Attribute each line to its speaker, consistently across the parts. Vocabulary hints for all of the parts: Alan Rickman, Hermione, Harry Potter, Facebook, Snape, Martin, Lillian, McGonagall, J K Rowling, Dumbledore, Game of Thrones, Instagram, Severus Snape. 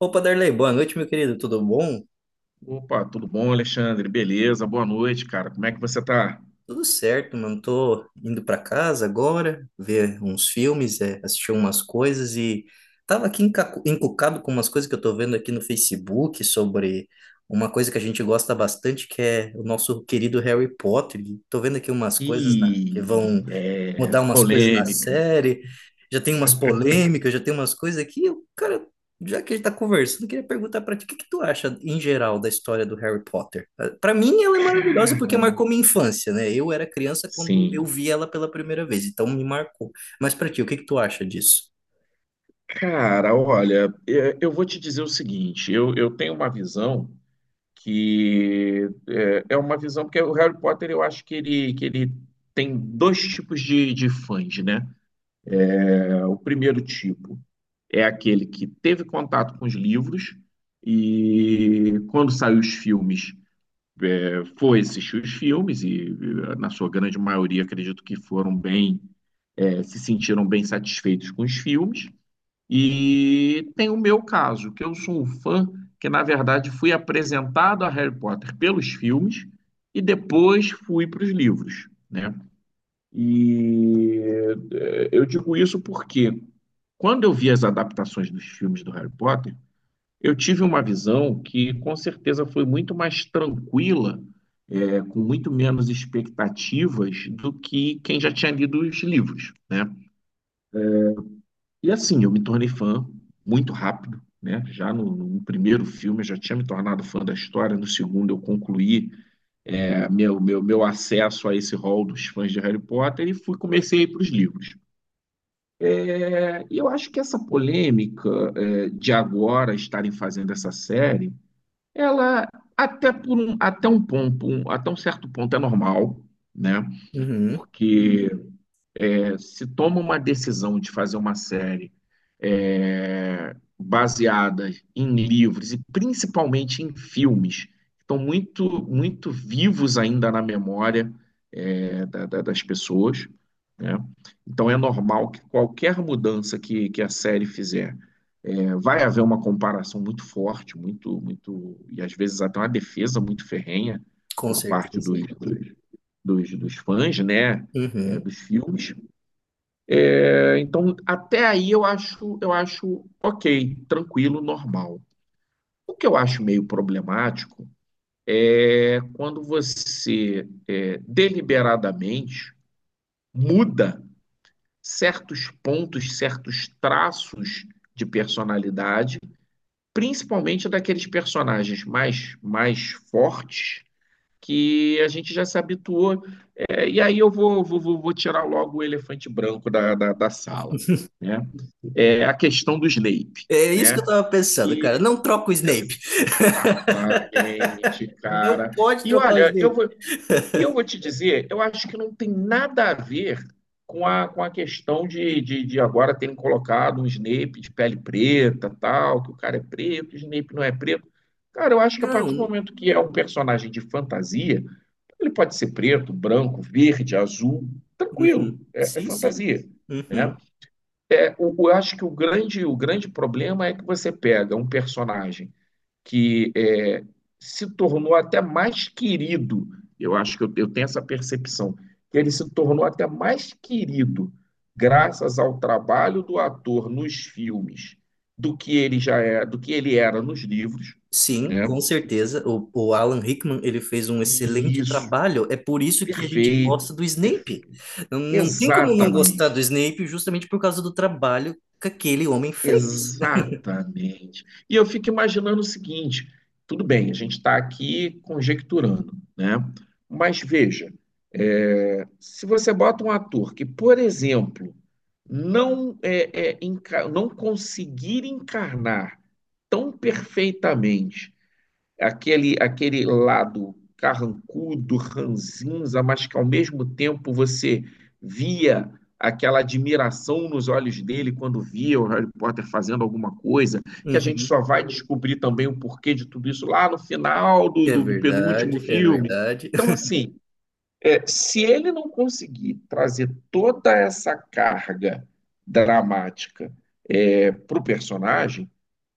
Speaker 1: Opa, Darley, boa noite, meu querido. Tudo bom?
Speaker 2: Opa, tudo bom, Alexandre? Beleza, boa noite, cara. Como é que você tá?
Speaker 1: Tudo certo, mano. Tô indo pra casa agora, ver uns filmes, assistir umas coisas e tava aqui encucado com umas coisas que eu tô vendo aqui no Facebook sobre uma coisa que a gente gosta bastante, que é o nosso querido Harry Potter. E tô vendo aqui umas coisas, né, que
Speaker 2: Ih,
Speaker 1: vão
Speaker 2: é
Speaker 1: mudar umas coisas na
Speaker 2: polêmica.
Speaker 1: série, já tem umas polêmicas, já tem umas coisas aqui o cara, já que a gente tá conversando, eu queria perguntar pra ti, o que que tu acha em geral da história do Harry Potter? Ah, pra mim ela é maravilhosa porque marcou minha infância, né? Eu era criança quando eu
Speaker 2: Sim.
Speaker 1: vi ela pela primeira vez, então me marcou. Mas pra ti, o que que tu acha disso?
Speaker 2: Cara, olha, eu vou te dizer o seguinte: eu tenho uma visão que é uma visão, porque o Harry Potter eu acho que ele tem dois tipos de fãs, né? O primeiro tipo é aquele que teve contato com os livros e quando saiu os filmes foi assistir os filmes e, na sua grande maioria, acredito que foram bem, se sentiram bem satisfeitos com os filmes. E tem o meu caso, que eu sou um fã que, na verdade, fui apresentado a Harry Potter pelos filmes e depois fui para os livros, né? E eu digo isso porque quando eu vi as adaptações dos filmes do Harry Potter, eu tive uma visão que com certeza foi muito mais tranquila, com muito menos expectativas do que quem já tinha lido os livros, né? E assim, eu me tornei fã muito rápido, né? Já no primeiro filme eu já tinha me tornado fã da história, no segundo eu concluí meu acesso a esse hall dos fãs de Harry Potter e fui comecei a ir para os livros. Eu acho que essa polêmica de agora estarem fazendo essa série. Ela, até por um, até um ponto, um- até um certo ponto é normal, né?
Speaker 1: Uhum,
Speaker 2: Porque se toma uma decisão de fazer uma série baseada em livros e principalmente em filmes, que estão muito, muito vivos ainda na memória das pessoas. Né? Então é normal que qualquer mudança que a série fizer vai haver uma comparação muito forte, muito, muito, e às vezes até uma defesa muito ferrenha
Speaker 1: com
Speaker 2: por parte
Speaker 1: certeza.
Speaker 2: dos fãs, né,
Speaker 1: Uhum.
Speaker 2: dos filmes. Então, até aí eu acho ok, tranquilo, normal. O que eu acho meio problemático é quando você deliberadamente muda certos pontos, certos traços de personalidade, principalmente daqueles personagens mais, mais fortes que a gente já se habituou. E aí eu vou tirar logo o elefante branco da sala. Né? É a questão do Snape.
Speaker 1: É isso que eu
Speaker 2: Né?
Speaker 1: tava pensando,
Speaker 2: E
Speaker 1: cara. Não troca o Snape.
Speaker 2: exatamente,
Speaker 1: Não
Speaker 2: cara.
Speaker 1: pode
Speaker 2: E
Speaker 1: trocar o
Speaker 2: olha,
Speaker 1: Snape.
Speaker 2: eu vou te dizer, eu acho que não tem nada a ver com a, questão de, de agora terem colocado um Snape de pele preta, tal, que o cara é preto, o Snape não é preto. Cara, eu acho que a partir do
Speaker 1: Não.
Speaker 2: momento que é um personagem de fantasia, ele pode ser preto, branco, verde, azul,
Speaker 1: Uhum.
Speaker 2: tranquilo, é
Speaker 1: Sim, sim.
Speaker 2: fantasia,
Speaker 1: Uhum.
Speaker 2: né? Eu acho que o grande problema é que você pega um personagem que é, se tornou até mais querido. Eu acho que eu tenho essa percepção, que ele se tornou até mais querido graças ao trabalho do ator nos filmes do que ele já é, do que ele era nos livros,
Speaker 1: Sim,
Speaker 2: né?
Speaker 1: com certeza. O Alan Rickman, ele fez um
Speaker 2: E
Speaker 1: excelente
Speaker 2: isso,
Speaker 1: trabalho. É por isso que a gente gosta
Speaker 2: perfeito,
Speaker 1: do Snape.
Speaker 2: perfeito.
Speaker 1: Não, não tem como não gostar do
Speaker 2: Exatamente,
Speaker 1: Snape justamente por causa do trabalho que aquele homem fez.
Speaker 2: exatamente. E eu fico imaginando o seguinte: tudo bem, a gente está aqui conjecturando, né? Mas veja, se você bota um ator que, por exemplo, não, não conseguir encarnar tão perfeitamente aquele lado carrancudo, ranzinza, mas que ao mesmo tempo você via aquela admiração nos olhos dele quando via o Harry Potter fazendo alguma coisa, que a gente
Speaker 1: Uhum.
Speaker 2: só vai descobrir também o porquê de tudo isso lá no final do,
Speaker 1: É
Speaker 2: do penúltimo
Speaker 1: verdade, é
Speaker 2: filme.
Speaker 1: verdade.
Speaker 2: Então, assim, se ele não conseguir trazer toda essa carga dramática para o personagem,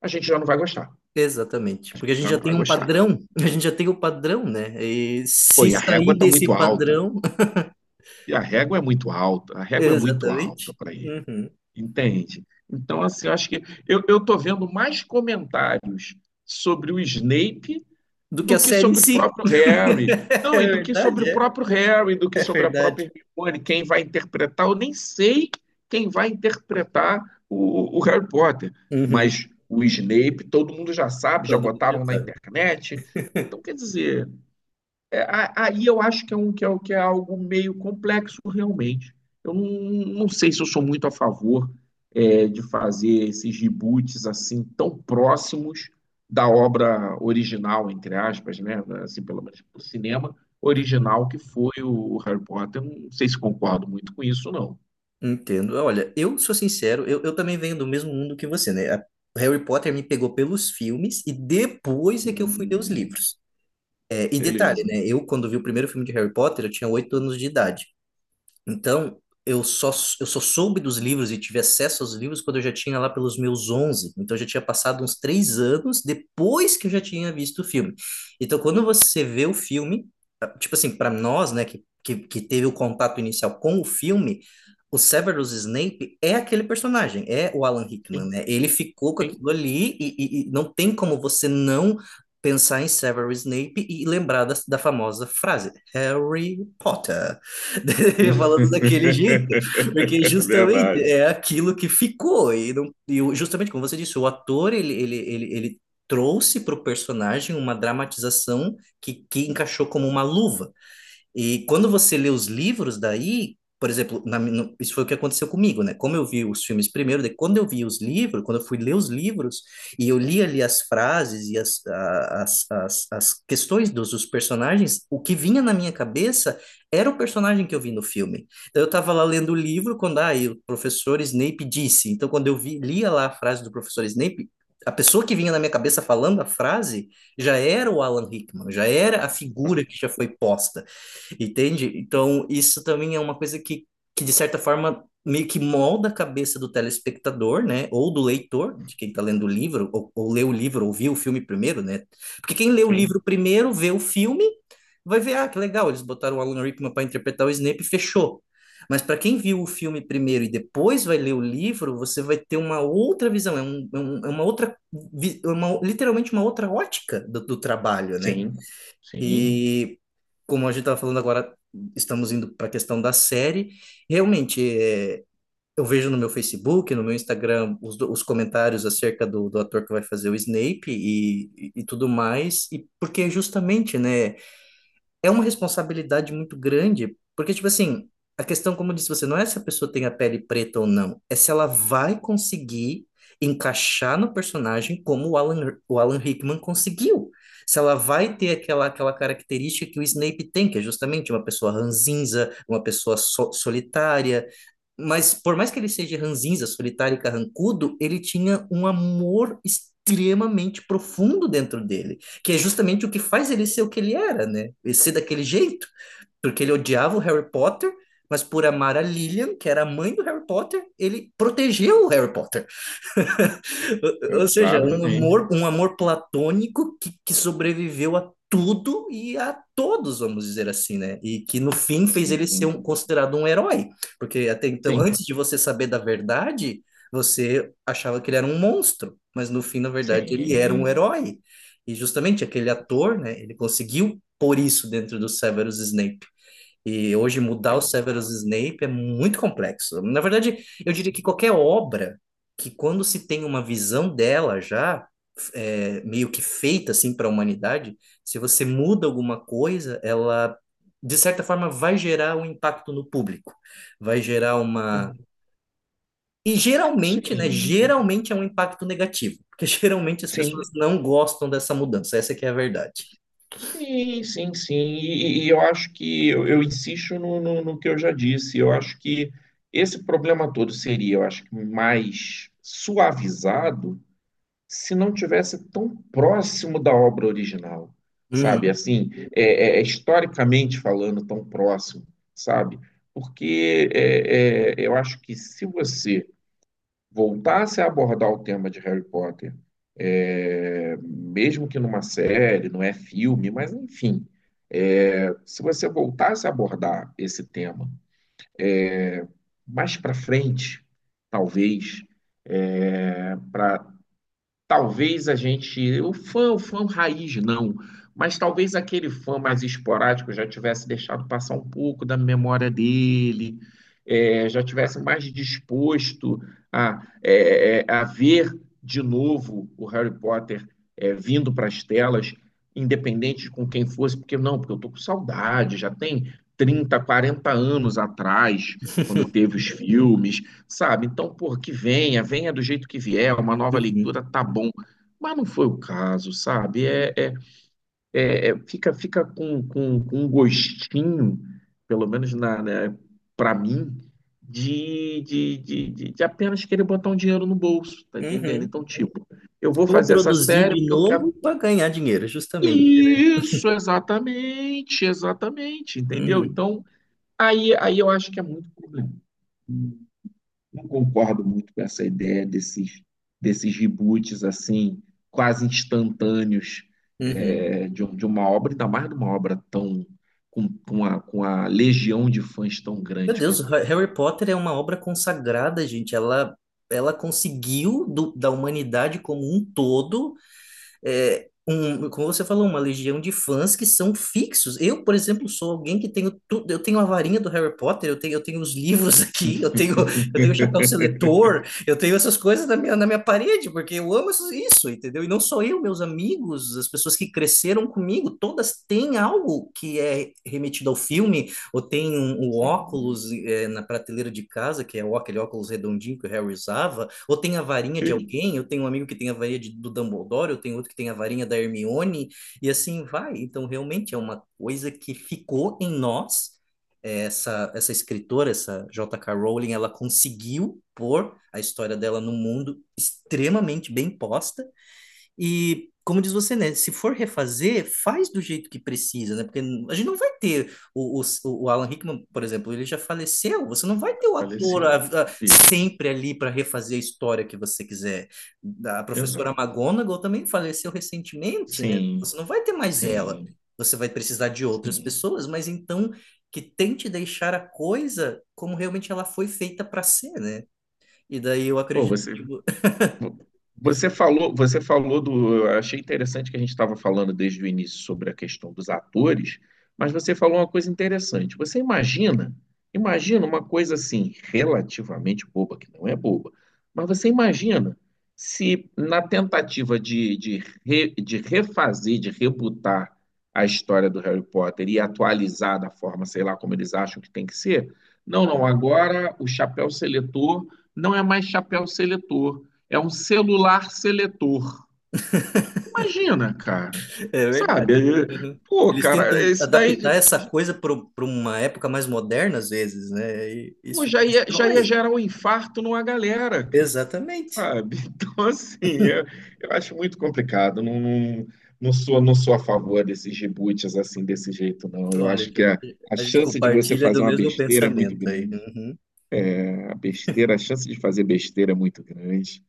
Speaker 2: a gente já não vai gostar.
Speaker 1: Exatamente. Porque a gente
Speaker 2: Já
Speaker 1: já
Speaker 2: não
Speaker 1: tem
Speaker 2: vai
Speaker 1: um
Speaker 2: gostar.
Speaker 1: padrão, a gente já tem o padrão, né? E
Speaker 2: Pô,
Speaker 1: se
Speaker 2: e a régua
Speaker 1: sair
Speaker 2: está
Speaker 1: desse
Speaker 2: muito alta.
Speaker 1: padrão,
Speaker 2: E a régua é muito alta. A régua é muito alta
Speaker 1: exatamente,
Speaker 2: para ele.
Speaker 1: uhum,
Speaker 2: Entende? Então, assim, eu acho que eu tô vendo mais comentários sobre o Snape
Speaker 1: do que a
Speaker 2: do que
Speaker 1: série em
Speaker 2: sobre o
Speaker 1: si.
Speaker 2: próprio Harry.
Speaker 1: É
Speaker 2: Não, e do que sobre o
Speaker 1: verdade,
Speaker 2: próprio Harry, do que
Speaker 1: é
Speaker 2: sobre a
Speaker 1: verdade.
Speaker 2: própria Hermione, quem vai interpretar. Eu nem sei quem vai interpretar o Harry Potter.
Speaker 1: Uhum.
Speaker 2: Mas o Snape, todo mundo já sabe, já
Speaker 1: Todo mundo já
Speaker 2: botaram na
Speaker 1: sabe.
Speaker 2: internet. Então, quer dizer, é, aí eu acho que que é algo meio complexo realmente. Eu não sei se eu sou muito a favor de fazer esses reboots assim tão próximos da obra original, entre aspas, né? Assim, pelo menos do cinema
Speaker 1: Uhum.
Speaker 2: original que foi o Harry Potter. Eu não sei se concordo muito com isso, não.
Speaker 1: Entendo. Olha, eu sou sincero, eu também venho do mesmo mundo que você, né? Harry Potter me pegou pelos filmes e depois é que eu fui ler os
Speaker 2: Hum,
Speaker 1: livros. É, e detalhe,
Speaker 2: beleza.
Speaker 1: né? Eu, quando vi o primeiro filme de Harry Potter, eu tinha 8 anos de idade. Então, eu só, eu só soube dos livros e tive acesso aos livros quando eu já tinha lá pelos meus 11. Então, eu já tinha passado uns 3 anos depois que eu já tinha visto o filme. Então, quando você vê o filme, ah, tipo assim, para nós, né, que teve o contato inicial com o filme, o Severus Snape é aquele personagem, é o Alan Rickman,
Speaker 2: Sim,
Speaker 1: né? Ele ficou com aquilo
Speaker 2: sim.
Speaker 1: ali e não tem como você não pensar em Severus Snape e lembrar da famosa frase, Harry Potter. Falando daquele jeito, porque justamente
Speaker 2: Verdade.
Speaker 1: é aquilo que ficou, e, não, justamente como você disse, o ator, ele trouxe para o personagem uma dramatização que encaixou como uma luva. E quando você lê os livros daí, por exemplo, na mi- no- isso foi o que aconteceu comigo, né? Como eu vi os filmes primeiro, daí quando eu vi os livros, quando eu fui ler os livros, e eu li ali as frases e as, a- as, as, as questões dos personagens, o que vinha na minha cabeça era o personagem que eu vi no filme. Então eu estava lá lendo o livro quando ah, e o professor Snape disse. Então quando eu vi, lia lá a frase do professor Snape, a pessoa que vinha na minha cabeça falando a frase já era o Alan Rickman, já era a figura que já foi posta. Entende? Então, isso também é uma coisa de certa forma, meio que molda a cabeça do telespectador, né? Ou do leitor, de quem está lendo o livro, ou lê o livro, ou viu o filme primeiro, né? Porque quem lê o livro
Speaker 2: Sim,
Speaker 1: primeiro, vê o filme, vai ver, ah, que legal, eles botaram o Alan Rickman para interpretar o Snape e fechou. Mas para quem viu o filme primeiro e depois vai ler o livro, você vai ter uma outra visão, é uma outra, é uma, literalmente uma outra ótica do trabalho, né?
Speaker 2: sim, sim.
Speaker 1: E como a gente estava falando agora, estamos indo para a questão da série. Realmente, eu vejo no meu Facebook, no meu Instagram, os comentários acerca do ator que vai fazer o Snape e tudo mais. E porque é justamente, né? É uma responsabilidade muito grande, porque, tipo assim, a questão, como eu disse você, não é se a pessoa tem a pele preta ou não, é se ela vai conseguir encaixar no personagem como o Alan Rickman conseguiu. Se ela vai ter aquela, aquela característica que o Snape tem, que é justamente uma pessoa ranzinza, uma pessoa solitária. Mas, por mais que ele seja ranzinza, solitário e carrancudo, ele tinha um amor extremamente profundo dentro dele que é justamente o que faz ele ser o que ele era, né? E ser daquele jeito, porque ele odiava o Harry Potter, mas por amar a Lillian, que era a mãe do Harry Potter, ele protegeu o Harry Potter. Ou seja,
Speaker 2: Exatamente.
Speaker 1: um amor platônico que sobreviveu a tudo e a todos, vamos dizer assim, né? E que no fim fez ele ser
Speaker 2: Sim,
Speaker 1: considerado um herói, porque até então,
Speaker 2: sim,
Speaker 1: antes de você saber da verdade, você achava que ele era um monstro, mas no fim, na verdade, ele era um
Speaker 2: sim,
Speaker 1: herói. E justamente aquele ator, né? Ele conseguiu pôr isso dentro do Severus Snape. E hoje mudar o Severus
Speaker 2: exato,
Speaker 1: Snape é muito complexo. Na verdade, eu diria que qualquer obra que quando se tem uma visão dela já meio que feita assim para a humanidade, se você muda alguma coisa, ela de certa forma vai gerar um impacto no público, vai gerar uma...
Speaker 2: sim,
Speaker 1: E geralmente, né,
Speaker 2: sim,
Speaker 1: geralmente é um impacto negativo, porque geralmente as
Speaker 2: sim,
Speaker 1: pessoas não gostam dessa mudança, essa que é a verdade.
Speaker 2: sim, sim, sim. E eu acho que eu insisto no, no que eu já disse. Eu acho que esse problema todo seria, eu acho que mais suavizado se não tivesse tão próximo da obra original, sabe?
Speaker 1: Uhum.
Speaker 2: Assim, historicamente falando, tão próximo, sabe? Porque eu acho que se você voltasse a abordar o tema de Harry Potter, mesmo que numa série, não é filme, mas enfim, se você voltasse a abordar esse tema mais para frente, talvez, Talvez a gente, o fã raiz não, mas talvez aquele fã mais esporádico já tivesse deixado passar um pouco da memória dele, já tivesse mais disposto a ver de novo o Harry Potter vindo para as telas, independente de com quem fosse, porque não, porque eu tô com saudade, já tem 30, 40 anos atrás, quando teve os filmes, sabe? Então, por que venha, venha do jeito que vier, uma nova
Speaker 1: Uhum.
Speaker 2: leitura tá bom. Mas não foi o caso, sabe? Fica com, com um gostinho, pelo menos para mim, de, de apenas querer botar um dinheiro no bolso, tá entendendo?
Speaker 1: Uhum.
Speaker 2: Então, tipo, eu vou
Speaker 1: Como
Speaker 2: fazer essa
Speaker 1: produzir
Speaker 2: série
Speaker 1: de
Speaker 2: porque eu quero.
Speaker 1: novo para ganhar dinheiro, justamente.
Speaker 2: Isso, exatamente, exatamente, entendeu?
Speaker 1: Uhum,
Speaker 2: Então, aí eu acho que é muito problema. Não concordo muito com essa ideia desses, desses reboots assim, quase instantâneos
Speaker 1: uhum.
Speaker 2: de uma obra, ainda mais de uma obra tão com, com a legião de fãs tão
Speaker 1: Meu
Speaker 2: grande
Speaker 1: Deus,
Speaker 2: quanto ela.
Speaker 1: Harry Potter é uma obra consagrada, gente. Ela conseguiu da humanidade como um todo como você falou, uma legião de fãs que são fixos. Eu, por exemplo, sou alguém que tenho tudo, eu tenho a varinha do Harry Potter, eu tenho os livros aqui, eu tenho o chapéu seletor, eu tenho essas coisas na minha parede, porque eu amo isso, isso, entendeu? E não só eu, meus amigos, as pessoas que cresceram comigo, todas têm algo que é remetido ao filme, ou tem um, um
Speaker 2: Sim,
Speaker 1: óculos é, na prateleira de casa, que é aquele óculos redondinho que o Harry usava, ou tem a varinha de alguém, eu tenho um amigo que tem a varinha do Dumbledore, eu tenho outro que tem a varinha da Hermione, e assim vai. Então, realmente é uma coisa que ficou em nós. É, essa escritora, essa JK Rowling, ela conseguiu pôr a história dela no mundo extremamente bem posta e, como diz você, né? Se for refazer, faz do jeito que precisa, né? Porque a gente não vai ter o Alan Rickman, por exemplo, ele já faleceu. Você não vai ter o ator
Speaker 2: faleceu.
Speaker 1: a-
Speaker 2: Isso,
Speaker 1: sempre ali para refazer a história que você quiser. A professora
Speaker 2: exato.
Speaker 1: McGonagall também faleceu recentemente, né?
Speaker 2: Sim,
Speaker 1: Você não vai ter mais ela.
Speaker 2: sim,
Speaker 1: Você vai precisar de outras
Speaker 2: sim.
Speaker 1: pessoas, mas então que tente deixar a coisa como realmente ela foi feita para ser, né? E daí eu
Speaker 2: Pô,
Speaker 1: acredito
Speaker 2: você,
Speaker 1: que
Speaker 2: Vo- Você falou, você falou do. Eu achei interessante que a gente estava falando desde o início sobre a questão dos atores, mas você falou uma coisa interessante. Você imagina, imagina uma coisa assim, relativamente boba, que não é boba, mas você imagina se na tentativa de, de refazer, de rebutar a história do Harry Potter e atualizar da forma, sei lá, como eles acham que tem que ser, não, não, agora o chapéu seletor não é mais chapéu seletor. É um celular seletor. Imagina, cara.
Speaker 1: é verdade.
Speaker 2: Sabe?
Speaker 1: Uhum.
Speaker 2: Pô,
Speaker 1: Eles tentam
Speaker 2: cara, isso daí,
Speaker 1: adaptar essa coisa para uma época mais moderna, às vezes, né? E
Speaker 2: pô,
Speaker 1: isso
Speaker 2: já ia
Speaker 1: destrói.
Speaker 2: gerar um infarto numa galera, cara.
Speaker 1: Exatamente.
Speaker 2: Sabe? Então, assim, eu acho muito complicado. Não, não, não sou, não sou a favor desses reboots assim, desse jeito, não. Eu
Speaker 1: Olha,
Speaker 2: acho que a
Speaker 1: a gente
Speaker 2: chance de você
Speaker 1: compartilha do
Speaker 2: fazer uma
Speaker 1: mesmo
Speaker 2: besteira é muito
Speaker 1: pensamento aí.
Speaker 2: grande.
Speaker 1: Uhum.
Speaker 2: A besteira, a chance de fazer besteira é muito grande.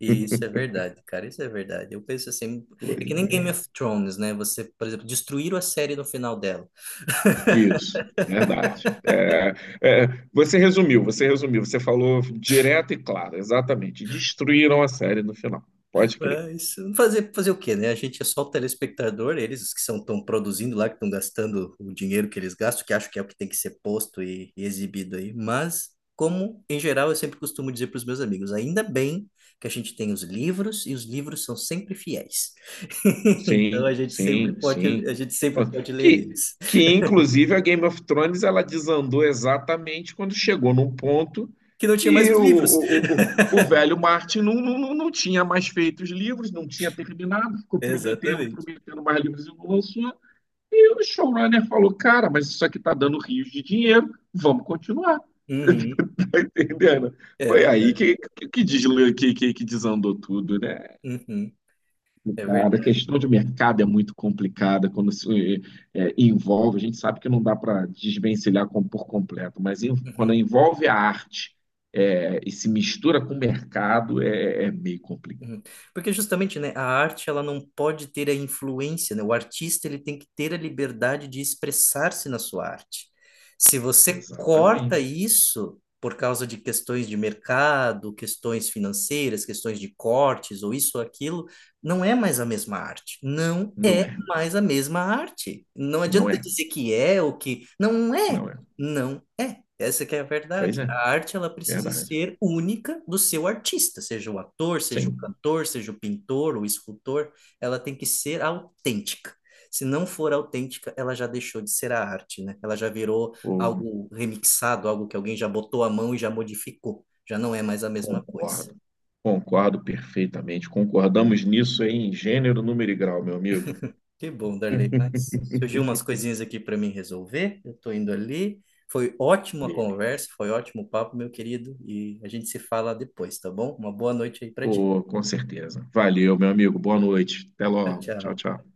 Speaker 1: E isso é verdade, cara, isso é verdade. Eu penso assim, é
Speaker 2: Pois
Speaker 1: que nem
Speaker 2: é.
Speaker 1: Game of Thrones, né? Você, por exemplo, destruíram a série no final dela.
Speaker 2: Isso, verdade. É, você resumiu, você falou direto e claro, exatamente. Destruíram a série no final, pode crer.
Speaker 1: É, isso, fazer o quê, né? A gente é só o telespectador, eles os que são estão produzindo lá, que estão gastando o dinheiro que eles gastam, que acho que é o que tem que ser posto e exibido aí. Mas, como em geral eu sempre costumo dizer para os meus amigos, ainda bem que a gente tem os livros e os livros são sempre fiéis.
Speaker 2: Sim,
Speaker 1: Então a gente sempre
Speaker 2: sim,
Speaker 1: pode, a
Speaker 2: sim.
Speaker 1: gente sempre pode ler
Speaker 2: Que,
Speaker 1: eles.
Speaker 2: que inclusive a Game of Thrones ela desandou exatamente quando chegou num ponto
Speaker 1: Que não tinha mais
Speaker 2: que
Speaker 1: os livros.
Speaker 2: o velho Martin não, não, não tinha mais feito os livros, não tinha terminado, ficou prometendo,
Speaker 1: Exatamente.
Speaker 2: prometendo mais livros e não lançou. E o showrunner falou, cara, mas isso aqui tá dando rios de dinheiro, vamos continuar.
Speaker 1: Uhum,
Speaker 2: Tá entendendo?
Speaker 1: é
Speaker 2: Foi aí
Speaker 1: verdade.
Speaker 2: que, que desandou tudo, né?
Speaker 1: Uhum, é
Speaker 2: Cara, a
Speaker 1: verdade. É
Speaker 2: questão de
Speaker 1: verdade.
Speaker 2: mercado é muito complicada quando se envolve. A gente sabe que não dá para desvencilhar por completo, mas quando
Speaker 1: Uhum.
Speaker 2: envolve a arte, e se mistura com o mercado, é meio complicado.
Speaker 1: Uhum. Porque justamente, né, a arte ela não pode ter a influência, né? O artista ele tem que ter a liberdade de expressar-se na sua arte. Se você corta
Speaker 2: Exatamente.
Speaker 1: isso por causa de questões de mercado, questões financeiras, questões de cortes ou isso ou aquilo, não é mais a mesma arte. Não
Speaker 2: Não
Speaker 1: é
Speaker 2: é,
Speaker 1: mais a mesma arte. Não
Speaker 2: não
Speaker 1: adianta
Speaker 2: é,
Speaker 1: dizer que é ou que não é.
Speaker 2: não é.
Speaker 1: Não é. Essa que é a
Speaker 2: Pois
Speaker 1: verdade.
Speaker 2: é,
Speaker 1: A arte ela precisa
Speaker 2: verdade.
Speaker 1: ser única do seu artista, seja o ator, seja o
Speaker 2: Sim,
Speaker 1: cantor, seja o pintor, o escultor, ela tem que ser autêntica. Se não for autêntica, ela já deixou de ser a arte, né? Ela já virou
Speaker 2: pô,
Speaker 1: algo remixado, algo que alguém já botou a mão e já modificou. Já não é mais a mesma coisa.
Speaker 2: concordo. Concordo perfeitamente. Concordamos nisso em gênero, número e grau, meu amigo.
Speaker 1: Que bom, Darley, mas surgiu umas coisinhas aqui para mim resolver. Eu tô indo ali. Foi ótima a
Speaker 2: Beleza.
Speaker 1: conversa, foi ótimo o papo, meu querido, e a gente se fala depois, tá bom? Uma boa noite aí para ti.
Speaker 2: Pô, com certeza. Valeu, meu amigo. Boa noite. Até
Speaker 1: Tchau,
Speaker 2: logo. Tchau,
Speaker 1: tchau.
Speaker 2: tchau.